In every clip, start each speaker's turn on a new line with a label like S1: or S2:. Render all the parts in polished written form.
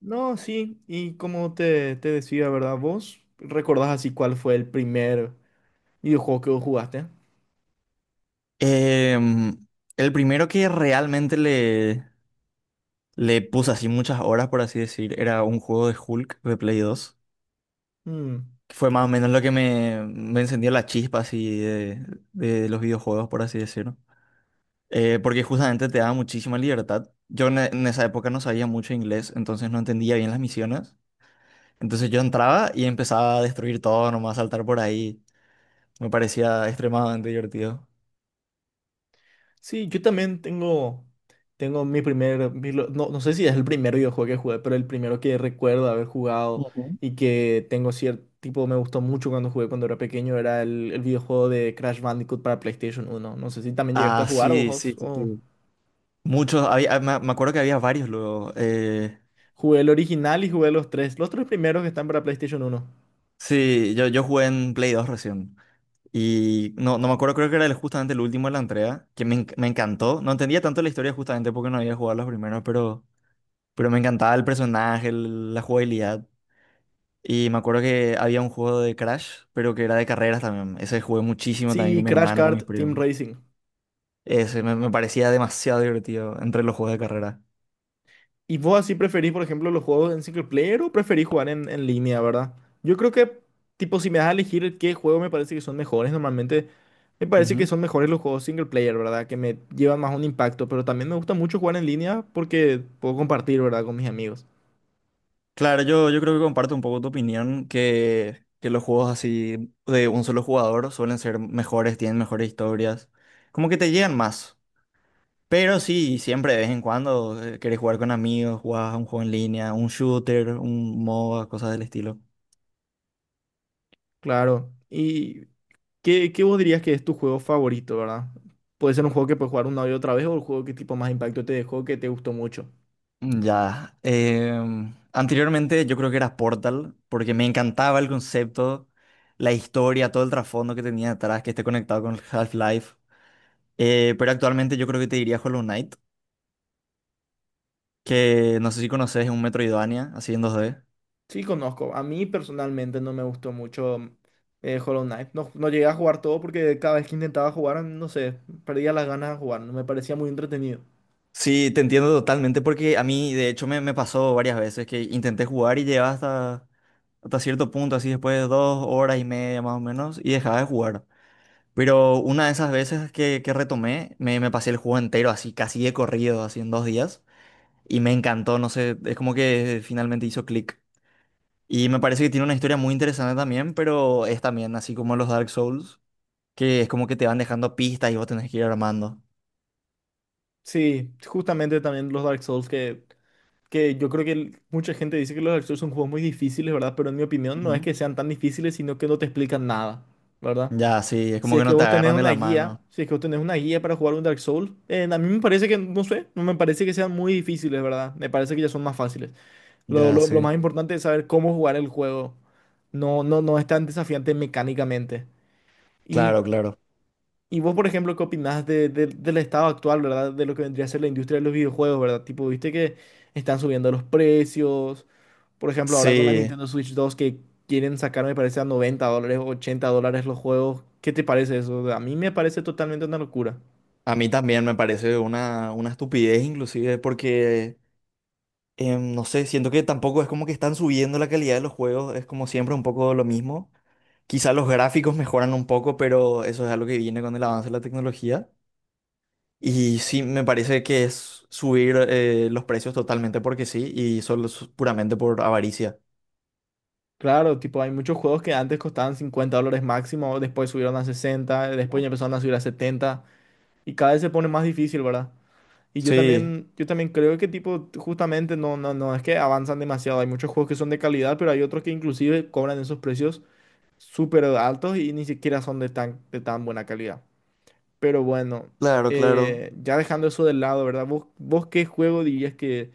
S1: No, sí, y como te decía, ¿verdad? ¿Vos recordás así cuál fue el primer videojuego que vos jugaste?
S2: Em, el primero que realmente le puse así muchas horas, por así decir, era un juego de Hulk de Play 2
S1: Mm.
S2: que fue más o menos lo que me encendió la chispa así de los videojuegos, por así decirlo. Porque justamente te da muchísima libertad. Yo en esa época no sabía mucho inglés, entonces no entendía bien las misiones. Entonces yo entraba y empezaba a destruir todo, nomás saltar por ahí. Me parecía extremadamente divertido.
S1: Sí, yo también tengo, mi primer, mi lo- no sé si es el primer videojuego que jugué, pero el primero que recuerdo haber jugado
S2: Ujú.
S1: y que tengo cierto tipo, me gustó mucho cuando jugué cuando era pequeño, era el videojuego de Crash Bandicoot para PlayStation 1. No sé si también llegaste a
S2: Ah,
S1: jugar o
S2: sí,
S1: vos.
S2: sí, sí, sí. Muchos, había, me acuerdo que había varios luego. eh,
S1: Jugué el original y jugué los tres primeros que están para PlayStation 1.
S2: sí, yo jugué en Play 2 recién. Y no, no me acuerdo, creo que era justamente el último de la entrega, que me encantó. No entendía tanto la historia justamente porque no había jugado los primeros, pero, me encantaba el personaje, la jugabilidad. Y me acuerdo que había un juego de Crash, pero que era de carreras también. Ese jugué muchísimo también
S1: Sí,
S2: con mi
S1: Crash
S2: hermano, con mis
S1: Kart Team
S2: primos.
S1: Racing.
S2: Ese me parecía demasiado divertido entre los juegos de carrera.
S1: ¿Y vos así preferís, por ejemplo, los juegos en single player o preferís jugar en línea, verdad? Yo creo que, tipo, si me das a elegir qué juego me parece que son mejores, normalmente me parece que son mejores los juegos single player, ¿verdad? Que me llevan más un impacto, pero también me gusta mucho jugar en línea porque puedo compartir, ¿verdad? Con mis amigos.
S2: Claro, yo creo que comparto un poco tu opinión, que los juegos así de un solo jugador suelen ser mejores, tienen mejores historias, como que te llegan más. Pero sí, siempre de vez en cuando querés jugar con amigos, jugás a un juego en línea, un shooter, un MOBA, cosas del estilo.
S1: Claro. ¿Y qué vos dirías que es tu juego favorito, ¿verdad? Puede ser un juego que puedes jugar una y otra vez o el juego que tipo más impacto te dejó, que te gustó mucho.
S2: Ya. Anteriormente yo creo que era Portal, porque me encantaba el concepto, la historia, todo el trasfondo que tenía detrás, que esté conectado con Half-Life. Pero actualmente yo creo que te diría Hollow Knight que no sé si conoces, es un Metroidvania, así en 2D.
S1: Sí, conozco. A mí personalmente no me gustó mucho Hollow Knight. No llegué a jugar todo porque cada vez que intentaba jugar, no sé, perdía las ganas de jugar. No me parecía muy entretenido.
S2: Sí, te entiendo totalmente porque a mí, de hecho, me pasó varias veces que intenté jugar y llegaba hasta cierto punto, así después de 2 horas y media más o menos, y dejaba de jugar. Pero una de esas veces que retomé, me pasé el juego entero, así casi de corrido, así en 2 días, y me encantó, no sé, es como que finalmente hizo clic. Y me parece que tiene una historia muy interesante también, pero es también así como los Dark Souls, que es como que te van dejando pistas y vos tenés que ir armando.
S1: Sí, justamente también los Dark Souls, que yo creo que mucha gente dice que los Dark Souls son juegos muy difíciles, ¿verdad? Pero en mi opinión no es
S2: Ujú.
S1: que sean tan difíciles, sino que no te explican nada, ¿verdad?
S2: Ya, sí, es
S1: Si
S2: como
S1: es
S2: que
S1: que
S2: no te
S1: vos tenés
S2: agarran de
S1: una
S2: la
S1: guía,
S2: mano.
S1: Si es que vos tenés una guía para jugar un Dark Souls, a mí me parece que, no sé, no me parece que sean muy difíciles, ¿verdad? Me parece que ya son más fáciles.
S2: Ya,
S1: Lo
S2: sí.
S1: más importante es saber cómo jugar el juego. No es tan desafiante mecánicamente. Y,
S2: Claro, claro.
S1: y vos, por ejemplo, ¿qué opinás del estado actual, ¿verdad? De lo que vendría a ser la industria de los videojuegos, ¿verdad? Tipo, viste que están subiendo los precios. Por ejemplo, ahora con la
S2: Sí,
S1: Nintendo Switch 2 que quieren sacar, me parece, a $90, o $80 los juegos. ¿Qué te parece eso? A mí me parece totalmente una locura.
S2: a mí también me parece una estupidez inclusive porque, no sé, siento que tampoco es como que están subiendo la calidad de los juegos, es como siempre un poco lo mismo. Quizá los gráficos mejoran un poco, pero eso es algo que viene con el avance de la tecnología. Y sí, me parece que es subir los precios totalmente porque sí, y solo es puramente por avaricia.
S1: Claro, tipo, hay muchos juegos que antes costaban $50 máximo, después subieron a 60, después ya empezaron a subir a 70. Y cada vez se pone más difícil, ¿verdad? Y yo
S2: Sí,
S1: también, yo también creo que tipo, justamente no, es que avanzan demasiado. Hay muchos juegos que son de calidad, pero hay otros que inclusive cobran esos precios súper altos y ni siquiera son de tan buena calidad. Pero bueno,
S2: claro, claro.
S1: ya dejando eso de lado, ¿verdad? ¿Vos qué juego dirías que,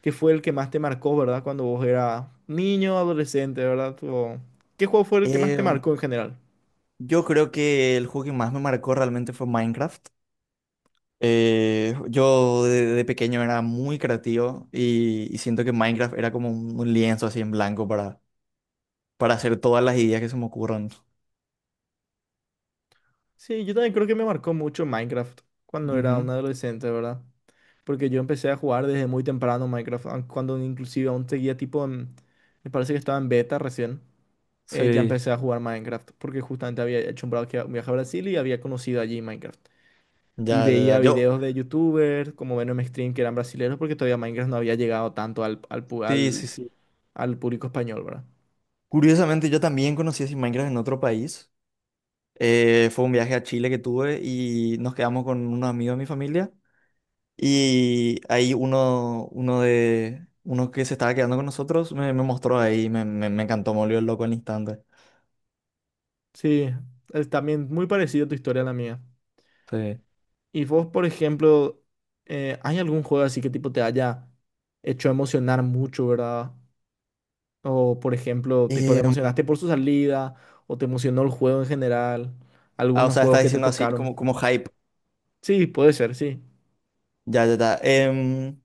S1: que fue el que más te marcó, ¿verdad? Cuando vos eras niño, adolescente, ¿verdad? O, ¿qué juego fue el que más te marcó en general?
S2: Yo creo que el juego que más me marcó realmente fue Minecraft. Yo de pequeño era muy creativo y siento que Minecraft era como un lienzo así en blanco para hacer todas las ideas que se me ocurran.
S1: Sí, yo también creo que me marcó mucho Minecraft cuando era un
S2: Ujú.
S1: adolescente, ¿verdad? Porque yo empecé a jugar desde muy temprano Minecraft, aun cuando inclusive aún seguía tipo en, me parece que estaba en beta recién, ya
S2: Sí,
S1: empecé a jugar Minecraft, porque justamente había hecho un viaje a Brasil y había conocido allí Minecraft. Y
S2: ya, ya, ya.
S1: veía
S2: Yo,
S1: videos de youtubers, como Venom Stream, que eran brasileños, porque todavía Minecraft no había llegado tanto al, al, pu-
S2: sí,
S1: al,
S2: sí, sí.
S1: al público español, ¿verdad?
S2: Curiosamente, yo también conocí así Minecraft en otro país. Fue un viaje a Chile que tuve y nos quedamos con unos amigos de mi familia. Y ahí uno que se estaba quedando con nosotros me mostró ahí, me encantó, me volvió loco al instante.
S1: Sí, es también muy parecido tu historia a la mía.
S2: Sí.
S1: Y vos, por ejemplo, ¿hay algún juego así que tipo te haya hecho emocionar mucho, ¿verdad? O, por ejemplo, tipo, te
S2: Em,
S1: emocionaste por su salida o te emocionó el juego en general.
S2: o
S1: Algunos
S2: sea,
S1: juegos
S2: está
S1: que te
S2: diciendo así
S1: tocaron.
S2: como hype.
S1: Sí, puede ser, sí.
S2: Ya, ya, ya. Em,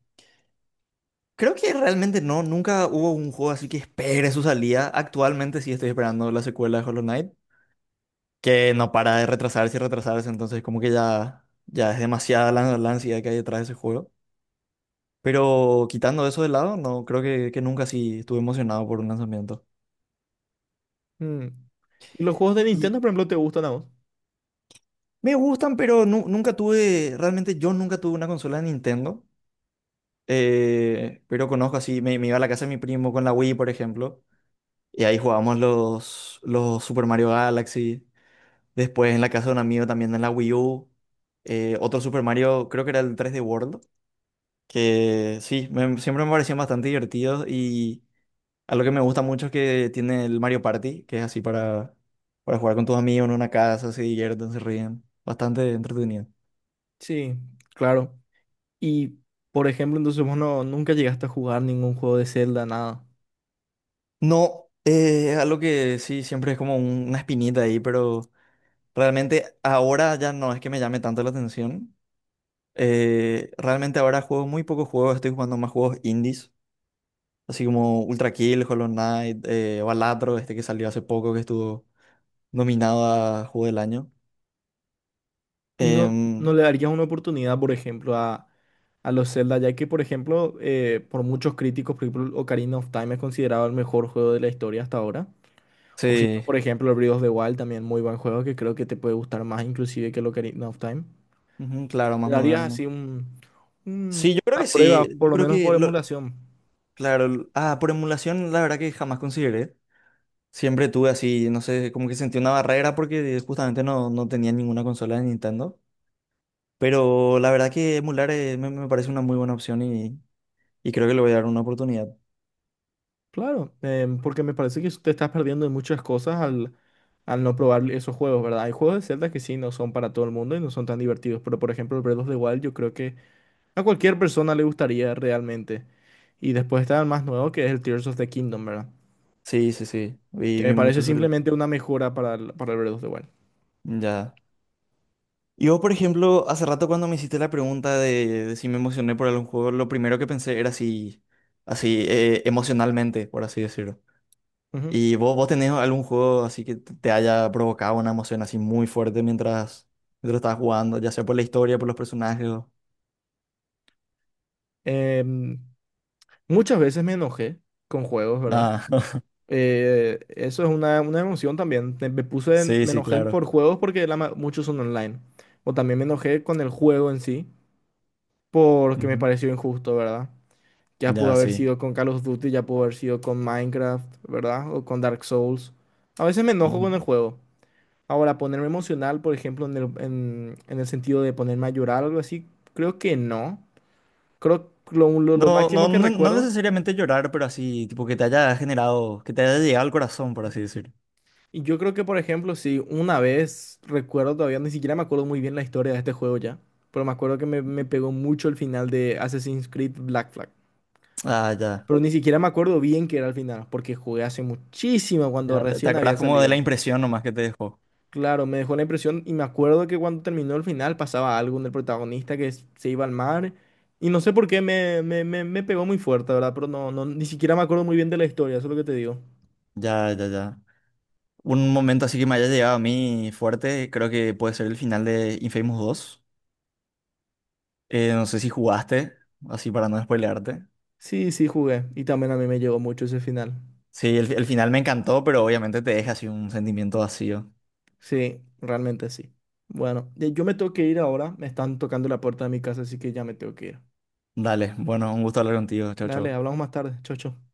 S2: creo que realmente no, nunca hubo un juego así que espere su salida. Actualmente sí estoy esperando la secuela de Hollow Knight, que no para de retrasarse y retrasarse, entonces como que ya es demasiada la ansiedad que hay detrás de ese juego. Pero quitando eso de lado, no, creo que nunca sí estuve emocionado por un lanzamiento.
S1: Mm. ¿Y los juegos de
S2: Y
S1: Nintendo, por ejemplo, te gustan a vos?
S2: me gustan, pero nunca tuve, realmente yo nunca tuve una consola de Nintendo. Pero conozco así, me iba a la casa de mi primo con la Wii, por ejemplo. Y ahí jugábamos los Super Mario Galaxy. Después en la casa de un amigo también en la Wii U. Otro Super Mario, creo que era el 3D World. Que sí, siempre me parecían bastante divertidos. Y algo que me gusta mucho es que tiene el Mario Party, que es así para jugar con tus amigos en una casa, se divierten, se ríen. Bastante entretenido.
S1: Sí, claro. Y, por ejemplo, entonces vos no, nunca llegaste a jugar ningún juego de Zelda, nada.
S2: No, es algo que sí, siempre es como una espinita ahí, pero realmente ahora ya no es que me llame tanto la atención. Realmente ahora juego muy pocos juegos, estoy jugando más juegos indies, así como Ultra Kill, Hollow Knight, Balatro, este que salió hace poco, que estuvo nominado a Juego del Año.
S1: Y no
S2: Em,
S1: le darías una oportunidad, por ejemplo, a los Zelda, ya que, por ejemplo, por muchos críticos, por ejemplo, Ocarina of Time es considerado el mejor juego de la historia hasta ahora. O si no,
S2: sí,
S1: por ejemplo, el Breath of the Wild, también muy buen juego que creo que te puede gustar más inclusive que el Ocarina of Time.
S2: ujú, claro,
S1: Le
S2: más
S1: darías
S2: moderno.
S1: así
S2: Sí, yo creo
S1: una
S2: que
S1: prueba,
S2: sí,
S1: por
S2: yo
S1: lo
S2: creo
S1: menos
S2: que,
S1: por emulación.
S2: claro, por emulación la verdad que jamás consideré. Siempre tuve así, no sé, como que sentí una barrera porque justamente no, no tenía ninguna consola de Nintendo. Pero la verdad que emular me parece una muy buena opción y creo que le voy a dar una oportunidad.
S1: Claro, porque me parece que te estás perdiendo de muchas cosas al no probar esos juegos, ¿verdad? Hay juegos de Zelda que sí no son para todo el mundo y no son tan divertidos, pero por ejemplo, el Breath of the Wild yo creo que a cualquier persona le gustaría realmente. Y después está el más nuevo que es el Tears of the Kingdom, ¿verdad?
S2: Sí, sí, sí.
S1: Que
S2: Vi,
S1: me
S2: vi
S1: parece
S2: mucho sobre el juego.
S1: simplemente una mejora para el Breath of the Wild.
S2: Ya. Yo por ejemplo, hace rato cuando me hiciste la pregunta de si me emocioné por algún juego, lo primero que pensé era si, así, emocionalmente, por así decirlo.
S1: Ujú.
S2: ¿Y vos tenés algún juego así que te haya provocado una emoción así muy fuerte mientras estabas jugando, ya sea por la historia, por los personajes?
S1: Em, Muchas veces me enojé con juegos, ¿verdad?
S2: Ah,
S1: Eso es una emoción también. Me puse,
S2: sí,
S1: me
S2: sí,
S1: enojé
S2: claro.
S1: por juegos porque muchos son online. O también me enojé con el juego en sí porque me
S2: Ujú.
S1: pareció injusto, ¿verdad? Ya pudo
S2: Ya,
S1: haber
S2: sí.
S1: sido con Call of Duty, ya pudo haber sido con Minecraft, ¿verdad? O con Dark Souls. A veces me enojo con el
S2: Ujú.
S1: juego. Ahora, ponerme emocional, por ejemplo, en el sentido de ponerme a llorar o algo así, creo que no. Creo que lo
S2: No, no,
S1: máximo que
S2: no, no
S1: recuerdo.
S2: necesariamente llorar, pero así, tipo que te haya generado, que te haya llegado al corazón, por así decir.
S1: Y yo creo que, por ejemplo, si una vez, recuerdo todavía, ni siquiera me acuerdo muy bien la historia de este juego ya, pero me acuerdo que me pegó mucho el final de Assassin's Creed Black Flag.
S2: Ah, ya.
S1: Pero ni siquiera me acuerdo bien qué era el final, porque jugué hace muchísimo cuando
S2: Ya. Te
S1: recién había
S2: acordás como de la
S1: salido.
S2: impresión nomás que te dejó.
S1: Claro, me dejó la impresión y me acuerdo que cuando terminó el final pasaba algo en el protagonista que se iba al mar y no sé por qué me pegó muy fuerte, ¿verdad? Pero no, ni siquiera me acuerdo muy bien de la historia, eso es lo que te digo.
S2: Ya, ya, ya. Un momento así que me haya llegado a mí fuerte, creo que puede ser el final de Infamous 2. No sé si jugaste, así para no spoilearte.
S1: Sí, sí, jugué y también a mí me llegó mucho ese final.
S2: Sí, el final me encantó, pero obviamente te deja así un sentimiento vacío.
S1: Sí, realmente sí. Bueno, yo me tengo que ir ahora. Me están tocando la puerta de mi casa, así que ya me tengo que ir.
S2: Dale, bueno, un gusto hablar contigo. Chau,
S1: Dale,
S2: chau.
S1: hablamos más tarde. Chau, chau.